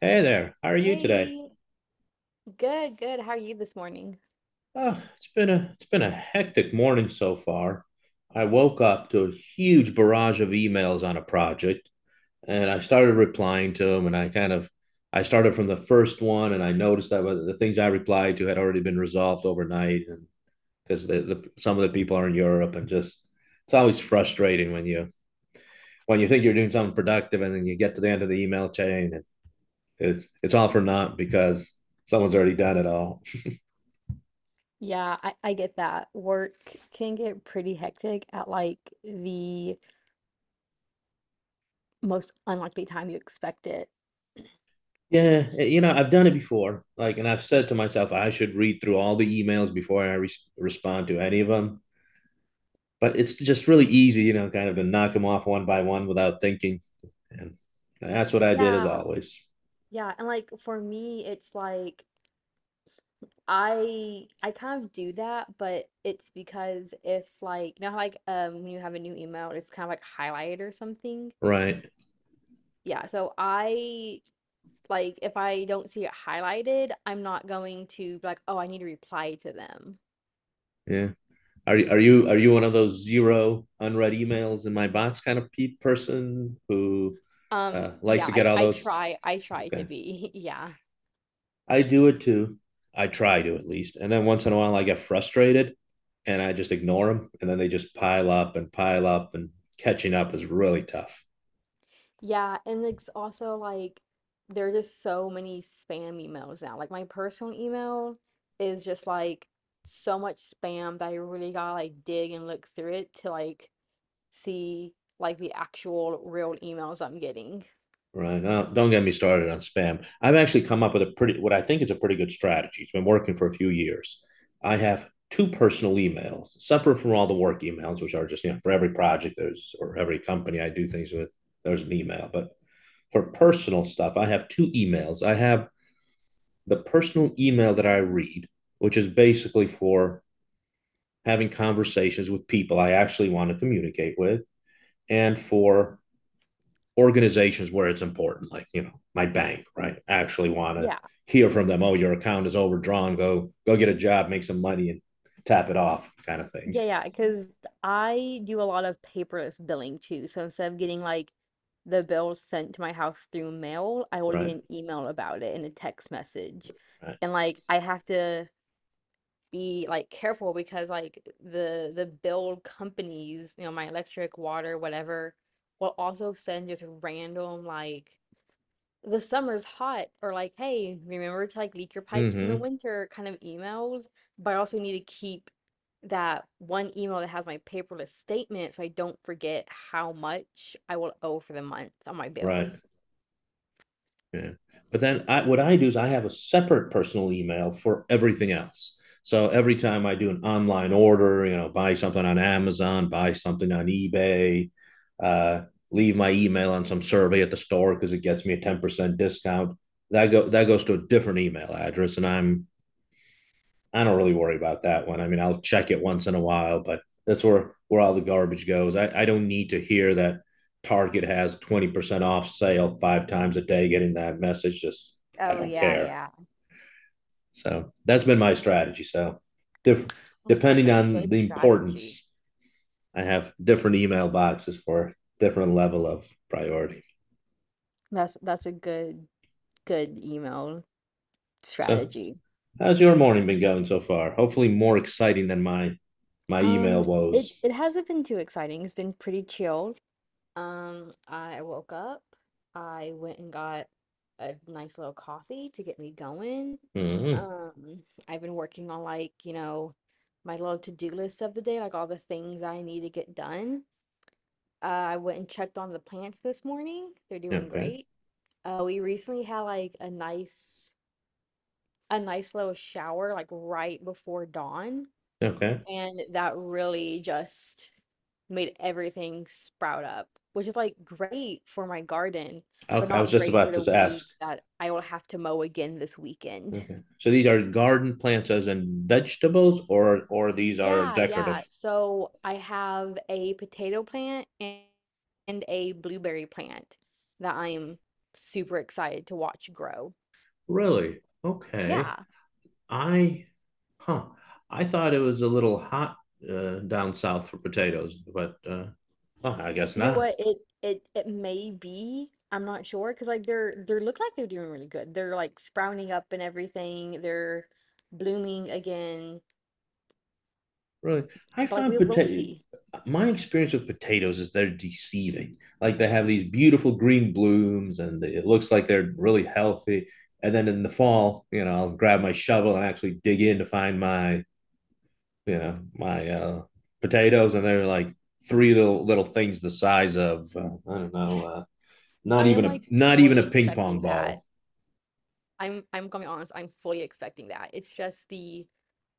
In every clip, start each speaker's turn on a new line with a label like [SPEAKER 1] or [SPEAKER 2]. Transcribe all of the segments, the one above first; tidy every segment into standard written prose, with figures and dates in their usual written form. [SPEAKER 1] Hey there, how are you today?
[SPEAKER 2] Hey, good, good. How are you this morning?
[SPEAKER 1] Oh, it's been a hectic morning so far. I woke up to a huge barrage of emails on a project and I started replying to them and I kind of I started from the first one and I noticed that the things I replied to had already been resolved overnight and because the some of the people are in Europe and just it's always frustrating when you think you're doing something productive and then you get to the end of the email chain and it's all for naught because someone's already done it all.
[SPEAKER 2] Yeah, I get that. Work can get pretty hectic at like the most unlikely time you expect it.
[SPEAKER 1] Yeah, I've done it before. Like, and I've said to myself, I should read through all the emails before I re respond to any of them. But it's just really easy, kind of to knock them off one by one without thinking. And that's what I did as
[SPEAKER 2] Yeah,
[SPEAKER 1] always.
[SPEAKER 2] yeah. And like for me, it's like I kind of do that, but it's because if like you know how like when you have a new email, it's kind of like highlighted or something.
[SPEAKER 1] Right.
[SPEAKER 2] Yeah, so I like if I don't see it highlighted, I'm not going to be like, oh, I need to reply to them.
[SPEAKER 1] Yeah. Are you one of those zero unread emails in my box kind of pe person who
[SPEAKER 2] Um,
[SPEAKER 1] likes
[SPEAKER 2] yeah,
[SPEAKER 1] to
[SPEAKER 2] I
[SPEAKER 1] get all
[SPEAKER 2] I
[SPEAKER 1] those?
[SPEAKER 2] try I try to
[SPEAKER 1] Okay.
[SPEAKER 2] be. Yeah.
[SPEAKER 1] I do it too. I try to at least. And then once in a while, I get frustrated and I just ignore them. And then they just pile up, and catching up is really tough.
[SPEAKER 2] Yeah, and it's also like there are just so many spam emails now. Like my personal email is just like so much spam that I really gotta like dig and look through it to like see like the actual real emails I'm getting.
[SPEAKER 1] Right. Now, don't get me started on spam. I've actually come up with what I think is a pretty good strategy. It's been working for a few years. I have two personal emails, separate from all the work emails, which are just, for every project or every company I do things with, there's an email. But for personal stuff, I have two emails. I have the personal email that I read, which is basically for having conversations with people I actually want to communicate with, and for organizations where it's important, like you know my bank, right? I actually want to
[SPEAKER 2] Yeah.
[SPEAKER 1] hear from them. Oh, your account is overdrawn. Go get a job, make some money, and tap it off, kind of
[SPEAKER 2] Yeah,
[SPEAKER 1] things.
[SPEAKER 2] yeah, because I do a lot of paperless billing too. So instead of getting like the bills sent to my house through mail, I will get
[SPEAKER 1] Right.
[SPEAKER 2] an email about it and a text message.
[SPEAKER 1] Right.
[SPEAKER 2] And like I have to be like careful because like the bill companies, you know, my electric, water, whatever, will also send just random like the summer's hot or like hey remember to like leak your pipes in the
[SPEAKER 1] Mm-hmm.
[SPEAKER 2] winter kind of emails, but I also need to keep that one email that has my paperless statement so I don't forget how much I will owe for the month on my
[SPEAKER 1] Right.
[SPEAKER 2] bills.
[SPEAKER 1] Yeah. But then what I do is I have a separate personal email for everything else. So every time I do an online order, buy something on Amazon, buy something on eBay, uh, leave my email on some survey at the store because it gets me a 10% discount. That goes to a different email address and I don't really worry about that one. I mean, I'll check it once in a while, but that's where all the garbage goes. I don't need to hear that Target has 20% off sale five times a day getting that message. Just I
[SPEAKER 2] Oh
[SPEAKER 1] don't
[SPEAKER 2] yeah,
[SPEAKER 1] care.
[SPEAKER 2] yeah.
[SPEAKER 1] So that's been my strategy. So dif-
[SPEAKER 2] That's
[SPEAKER 1] depending
[SPEAKER 2] a
[SPEAKER 1] on
[SPEAKER 2] good
[SPEAKER 1] the
[SPEAKER 2] strategy.
[SPEAKER 1] importance, I have different email boxes for different level of priority.
[SPEAKER 2] That's a good good email
[SPEAKER 1] So
[SPEAKER 2] strategy.
[SPEAKER 1] how's your morning been going so far? Hopefully more exciting than my
[SPEAKER 2] um
[SPEAKER 1] email
[SPEAKER 2] it
[SPEAKER 1] woes.
[SPEAKER 2] it hasn't been too exciting. It's been pretty chill. I woke up. I went and got a nice little coffee to get me going.
[SPEAKER 1] Mm-hmm.
[SPEAKER 2] Um, I've been working on like, you know, my little to-do list of the day, like all the things I need to get done. I went and checked on the plants this morning. They're doing
[SPEAKER 1] Okay.
[SPEAKER 2] great. We recently had like a nice little shower like right before dawn,
[SPEAKER 1] Okay.
[SPEAKER 2] and that really just made everything sprout up, which is like great for my garden, but
[SPEAKER 1] Okay, I was
[SPEAKER 2] not
[SPEAKER 1] just
[SPEAKER 2] great for
[SPEAKER 1] about
[SPEAKER 2] the
[SPEAKER 1] to ask.
[SPEAKER 2] weeds that I will have to mow again this weekend.
[SPEAKER 1] Okay. So these are garden plants as in vegetables or these are
[SPEAKER 2] Yeah, yeah.
[SPEAKER 1] decorative?
[SPEAKER 2] So I have a potato plant and a blueberry plant that I am super excited to watch grow.
[SPEAKER 1] Really? Okay.
[SPEAKER 2] Yeah.
[SPEAKER 1] I Huh. I thought it was a little hot down south for potatoes, but well, I guess
[SPEAKER 2] You know
[SPEAKER 1] not.
[SPEAKER 2] what? It may be. I'm not sure because like they're look like they're doing really good. They're like sprouting up and everything. They're blooming again.
[SPEAKER 1] Really. I
[SPEAKER 2] But like
[SPEAKER 1] find
[SPEAKER 2] we'll
[SPEAKER 1] potato
[SPEAKER 2] see.
[SPEAKER 1] my experience with potatoes is they're deceiving. Like they have these beautiful green blooms and it looks like they're really healthy. And then in the fall, I'll grab my shovel and actually dig in to find my you know my uh, potatoes, and they're like three little things the size of I don't know, not
[SPEAKER 2] I am
[SPEAKER 1] even a
[SPEAKER 2] like fully
[SPEAKER 1] ping pong
[SPEAKER 2] expecting that.
[SPEAKER 1] ball.
[SPEAKER 2] I'm gonna be honest, I'm fully expecting that. It's just the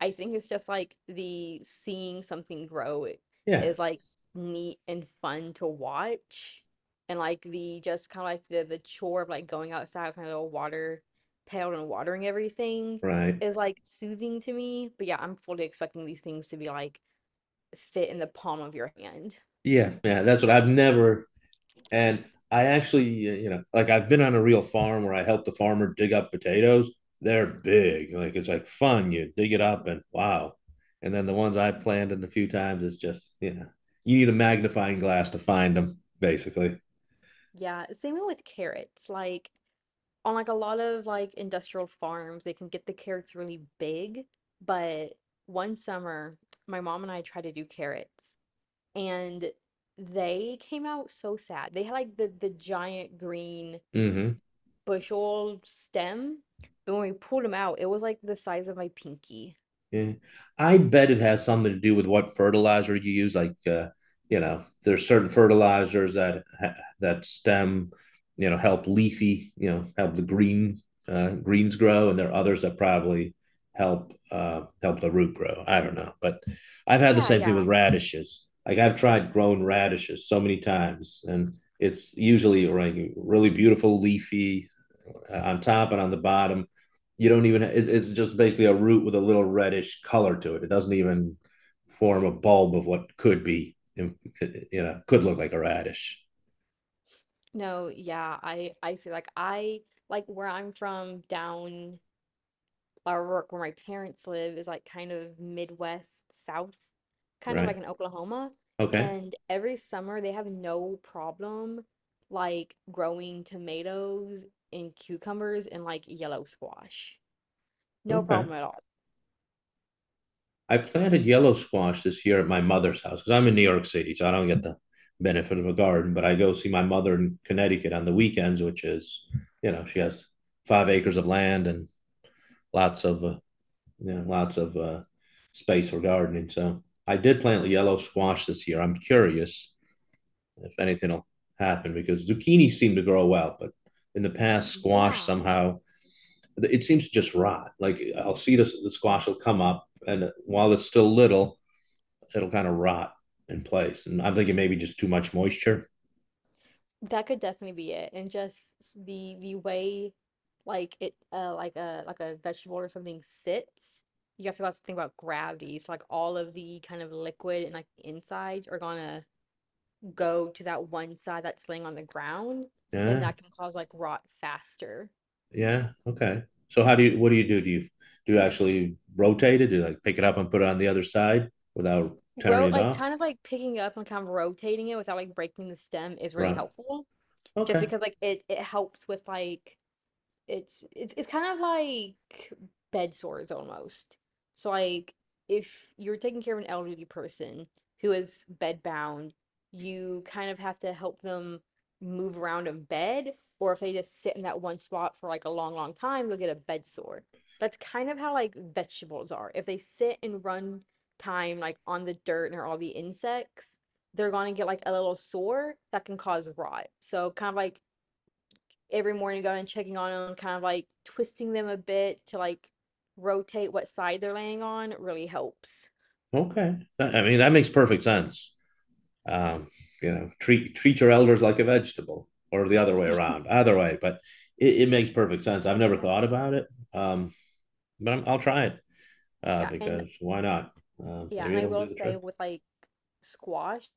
[SPEAKER 2] I think it's just like the seeing something grow
[SPEAKER 1] Yeah,
[SPEAKER 2] is like neat and fun to watch. And like the just kind of like the chore of like going outside with my little water pail and watering everything
[SPEAKER 1] right.
[SPEAKER 2] is like soothing to me. But yeah, I'm fully expecting these things to be like fit in the palm of your hand.
[SPEAKER 1] Yeah, yeah. That's what I've never and. I actually, like I've been on a real farm where I helped the farmer dig up potatoes. They're big. Like it's like fun. You dig it up and wow. And then the ones I planted a few times, it's just, you need a magnifying glass to find them, basically.
[SPEAKER 2] Yeah, same with carrots. Like on like a lot of like industrial farms, they can get the carrots really big. But one summer, my mom and I tried to do carrots and they came out so sad. They had like the giant green
[SPEAKER 1] Ujú.
[SPEAKER 2] bushel stem, but when we pulled them out, it was like the size of my pinky.
[SPEAKER 1] Yeah. I bet it has something to do with what fertilizer you use. Like, there's certain fertilizers that stem, help leafy, help the green greens grow, and there are others that probably help the root grow. I don't know, but I've had the
[SPEAKER 2] Yeah,
[SPEAKER 1] same thing with
[SPEAKER 2] yeah.
[SPEAKER 1] radishes. Like I've tried growing radishes so many times, and it's usually like really beautiful, leafy, on top and on the bottom. You don't even, it, it's just basically a root with a little reddish color to it. It doesn't even form a bulb of what could be, could look like a radish,
[SPEAKER 2] No, yeah, I see like I like where I'm from down or where my parents live is like kind of Midwest South, kind of
[SPEAKER 1] right?
[SPEAKER 2] like in Oklahoma.
[SPEAKER 1] Okay.
[SPEAKER 2] And every summer they have no problem like growing tomatoes and cucumbers and like yellow squash. No
[SPEAKER 1] Okay.
[SPEAKER 2] problem at all.
[SPEAKER 1] I planted yellow squash this year at my mother's house because I'm in New York City, so I don't get the benefit of a garden, but I go see my mother in Connecticut on the weekends, which is, she has 5 acres of land and lots of uh, yeah, lots of space for gardening. So I did plant yellow squash this year. I'm curious if anything will happen because zucchini seem to grow well, but in the past, squash
[SPEAKER 2] Yeah,
[SPEAKER 1] somehow it seems to just rot. Like I'll see the squash will come up, and while it's still little, it'll kind of rot in place. And I'm thinking maybe just too much moisture.
[SPEAKER 2] that could definitely be it. And just the way like it like a vegetable or something sits. You have to also think about gravity. So like all of the kind of liquid and like the insides are gonna go to that one side that's laying on the ground, and
[SPEAKER 1] Yeah.
[SPEAKER 2] that can cause like rot faster.
[SPEAKER 1] Yeah. Okay. So how do you? What do you do? Do you actually rotate it? Do you like pick it up and put it on the other side without tearing
[SPEAKER 2] Rote
[SPEAKER 1] it
[SPEAKER 2] like
[SPEAKER 1] off?
[SPEAKER 2] kind of like picking up and kind of rotating it without like breaking the stem is really
[SPEAKER 1] Right.
[SPEAKER 2] helpful. Just
[SPEAKER 1] Okay.
[SPEAKER 2] because like it helps with like it's it's kind of like bed sores almost. So like if you're taking care of an elderly person who is bedbound, you kind of have to help them move around in bed, or if they just sit in that one spot for like a long, long time, they'll get a bed sore. That's kind of how like vegetables are. If they sit and run time like on the dirt and all the insects, they're gonna get like a little sore that can cause rot. So kind of like every morning going and checking on them, kind of like twisting them a bit to like rotate what side they're laying on really helps.
[SPEAKER 1] Okay. I mean, that makes perfect sense. Um, treat your elders like a vegetable, or the other way around. Either way, but it makes perfect sense. I've never thought about it, um, but I'll try it
[SPEAKER 2] Yeah, and
[SPEAKER 1] because why not? Uh,
[SPEAKER 2] yeah,
[SPEAKER 1] maybe
[SPEAKER 2] and I
[SPEAKER 1] it'll
[SPEAKER 2] will
[SPEAKER 1] do the trick.
[SPEAKER 2] say with like squash,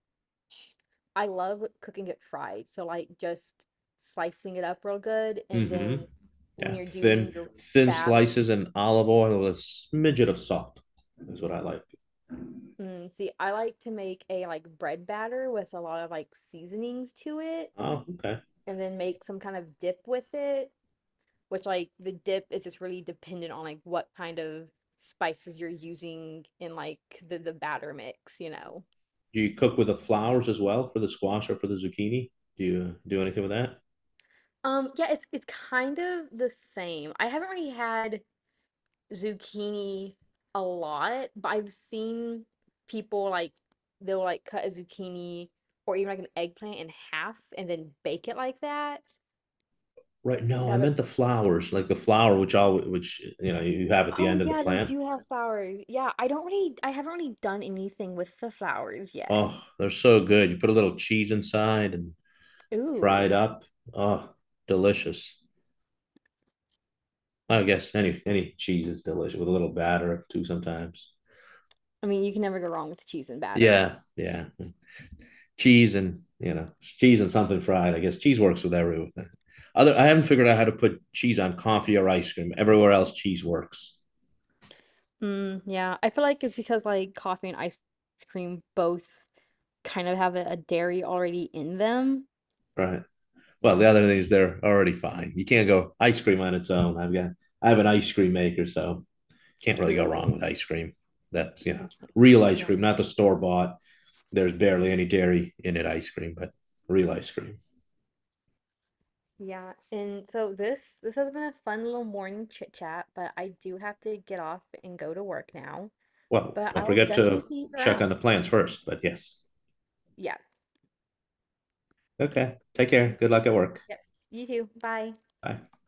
[SPEAKER 2] I love cooking it fried. So like just slicing it up real good, and
[SPEAKER 1] Hmm.
[SPEAKER 2] then when
[SPEAKER 1] Yeah,
[SPEAKER 2] you're doing
[SPEAKER 1] thin
[SPEAKER 2] your
[SPEAKER 1] thin
[SPEAKER 2] batter,
[SPEAKER 1] slices and olive oil with a smidget of salt is what I like.
[SPEAKER 2] mm, see, I like to make a like bread batter with a lot of like seasonings to it,
[SPEAKER 1] Oh, okay.
[SPEAKER 2] and then make some kind of dip with it, which like the dip is just really dependent on like what kind of spices you're using in like the batter mix, you know.
[SPEAKER 1] Do you cook with the flowers as well for the squash or for the zucchini? Do you do anything with that?
[SPEAKER 2] Yeah, it's kind of the same. I haven't really had zucchini a lot, but I've seen people like they'll like cut a zucchini or even like an eggplant in half and then bake it like that.
[SPEAKER 1] Right. No, I
[SPEAKER 2] That
[SPEAKER 1] meant
[SPEAKER 2] looks
[SPEAKER 1] the flowers, like the flower which you know you have at the
[SPEAKER 2] oh
[SPEAKER 1] end of the
[SPEAKER 2] yeah, they
[SPEAKER 1] plant.
[SPEAKER 2] do have flowers. Yeah, I don't really I haven't really done anything with the flowers yet.
[SPEAKER 1] Oh, they're so good. You put a little cheese inside and fry it
[SPEAKER 2] Ooh.
[SPEAKER 1] up. Oh, delicious. I guess any cheese is delicious with a little batter too sometimes.
[SPEAKER 2] I mean, you can never go wrong with cheese and batter.
[SPEAKER 1] Yeah, yeah. Cheese and something fried. I guess cheese works with everything. Other, I haven't figured out how to put cheese on coffee or ice cream. Everywhere else, cheese works,
[SPEAKER 2] Mm, yeah, I feel like it's because like coffee and ice cream both kind of have a dairy already in them.
[SPEAKER 1] right? Well, the
[SPEAKER 2] Yeah.
[SPEAKER 1] other thing is they're already fine. You can't go ice cream on its own. I have an ice cream maker, so can't really go wrong
[SPEAKER 2] Ooh.
[SPEAKER 1] with ice cream. That's
[SPEAKER 2] Okay.
[SPEAKER 1] real ice
[SPEAKER 2] Yeah.
[SPEAKER 1] cream, not the store bought. There's barely any dairy in it ice cream, but real ice cream.
[SPEAKER 2] Yeah. And so this has been a fun little morning chit chat, but I do have to get off and go to work now.
[SPEAKER 1] Well,
[SPEAKER 2] But
[SPEAKER 1] don't
[SPEAKER 2] I'll
[SPEAKER 1] forget
[SPEAKER 2] definitely
[SPEAKER 1] to
[SPEAKER 2] see you
[SPEAKER 1] check on the
[SPEAKER 2] around.
[SPEAKER 1] plans first. But yes,
[SPEAKER 2] Yeah.
[SPEAKER 1] okay. Take care.
[SPEAKER 2] Mm,
[SPEAKER 1] Good luck at work.
[SPEAKER 2] yep. You too. Bye.
[SPEAKER 1] Bye.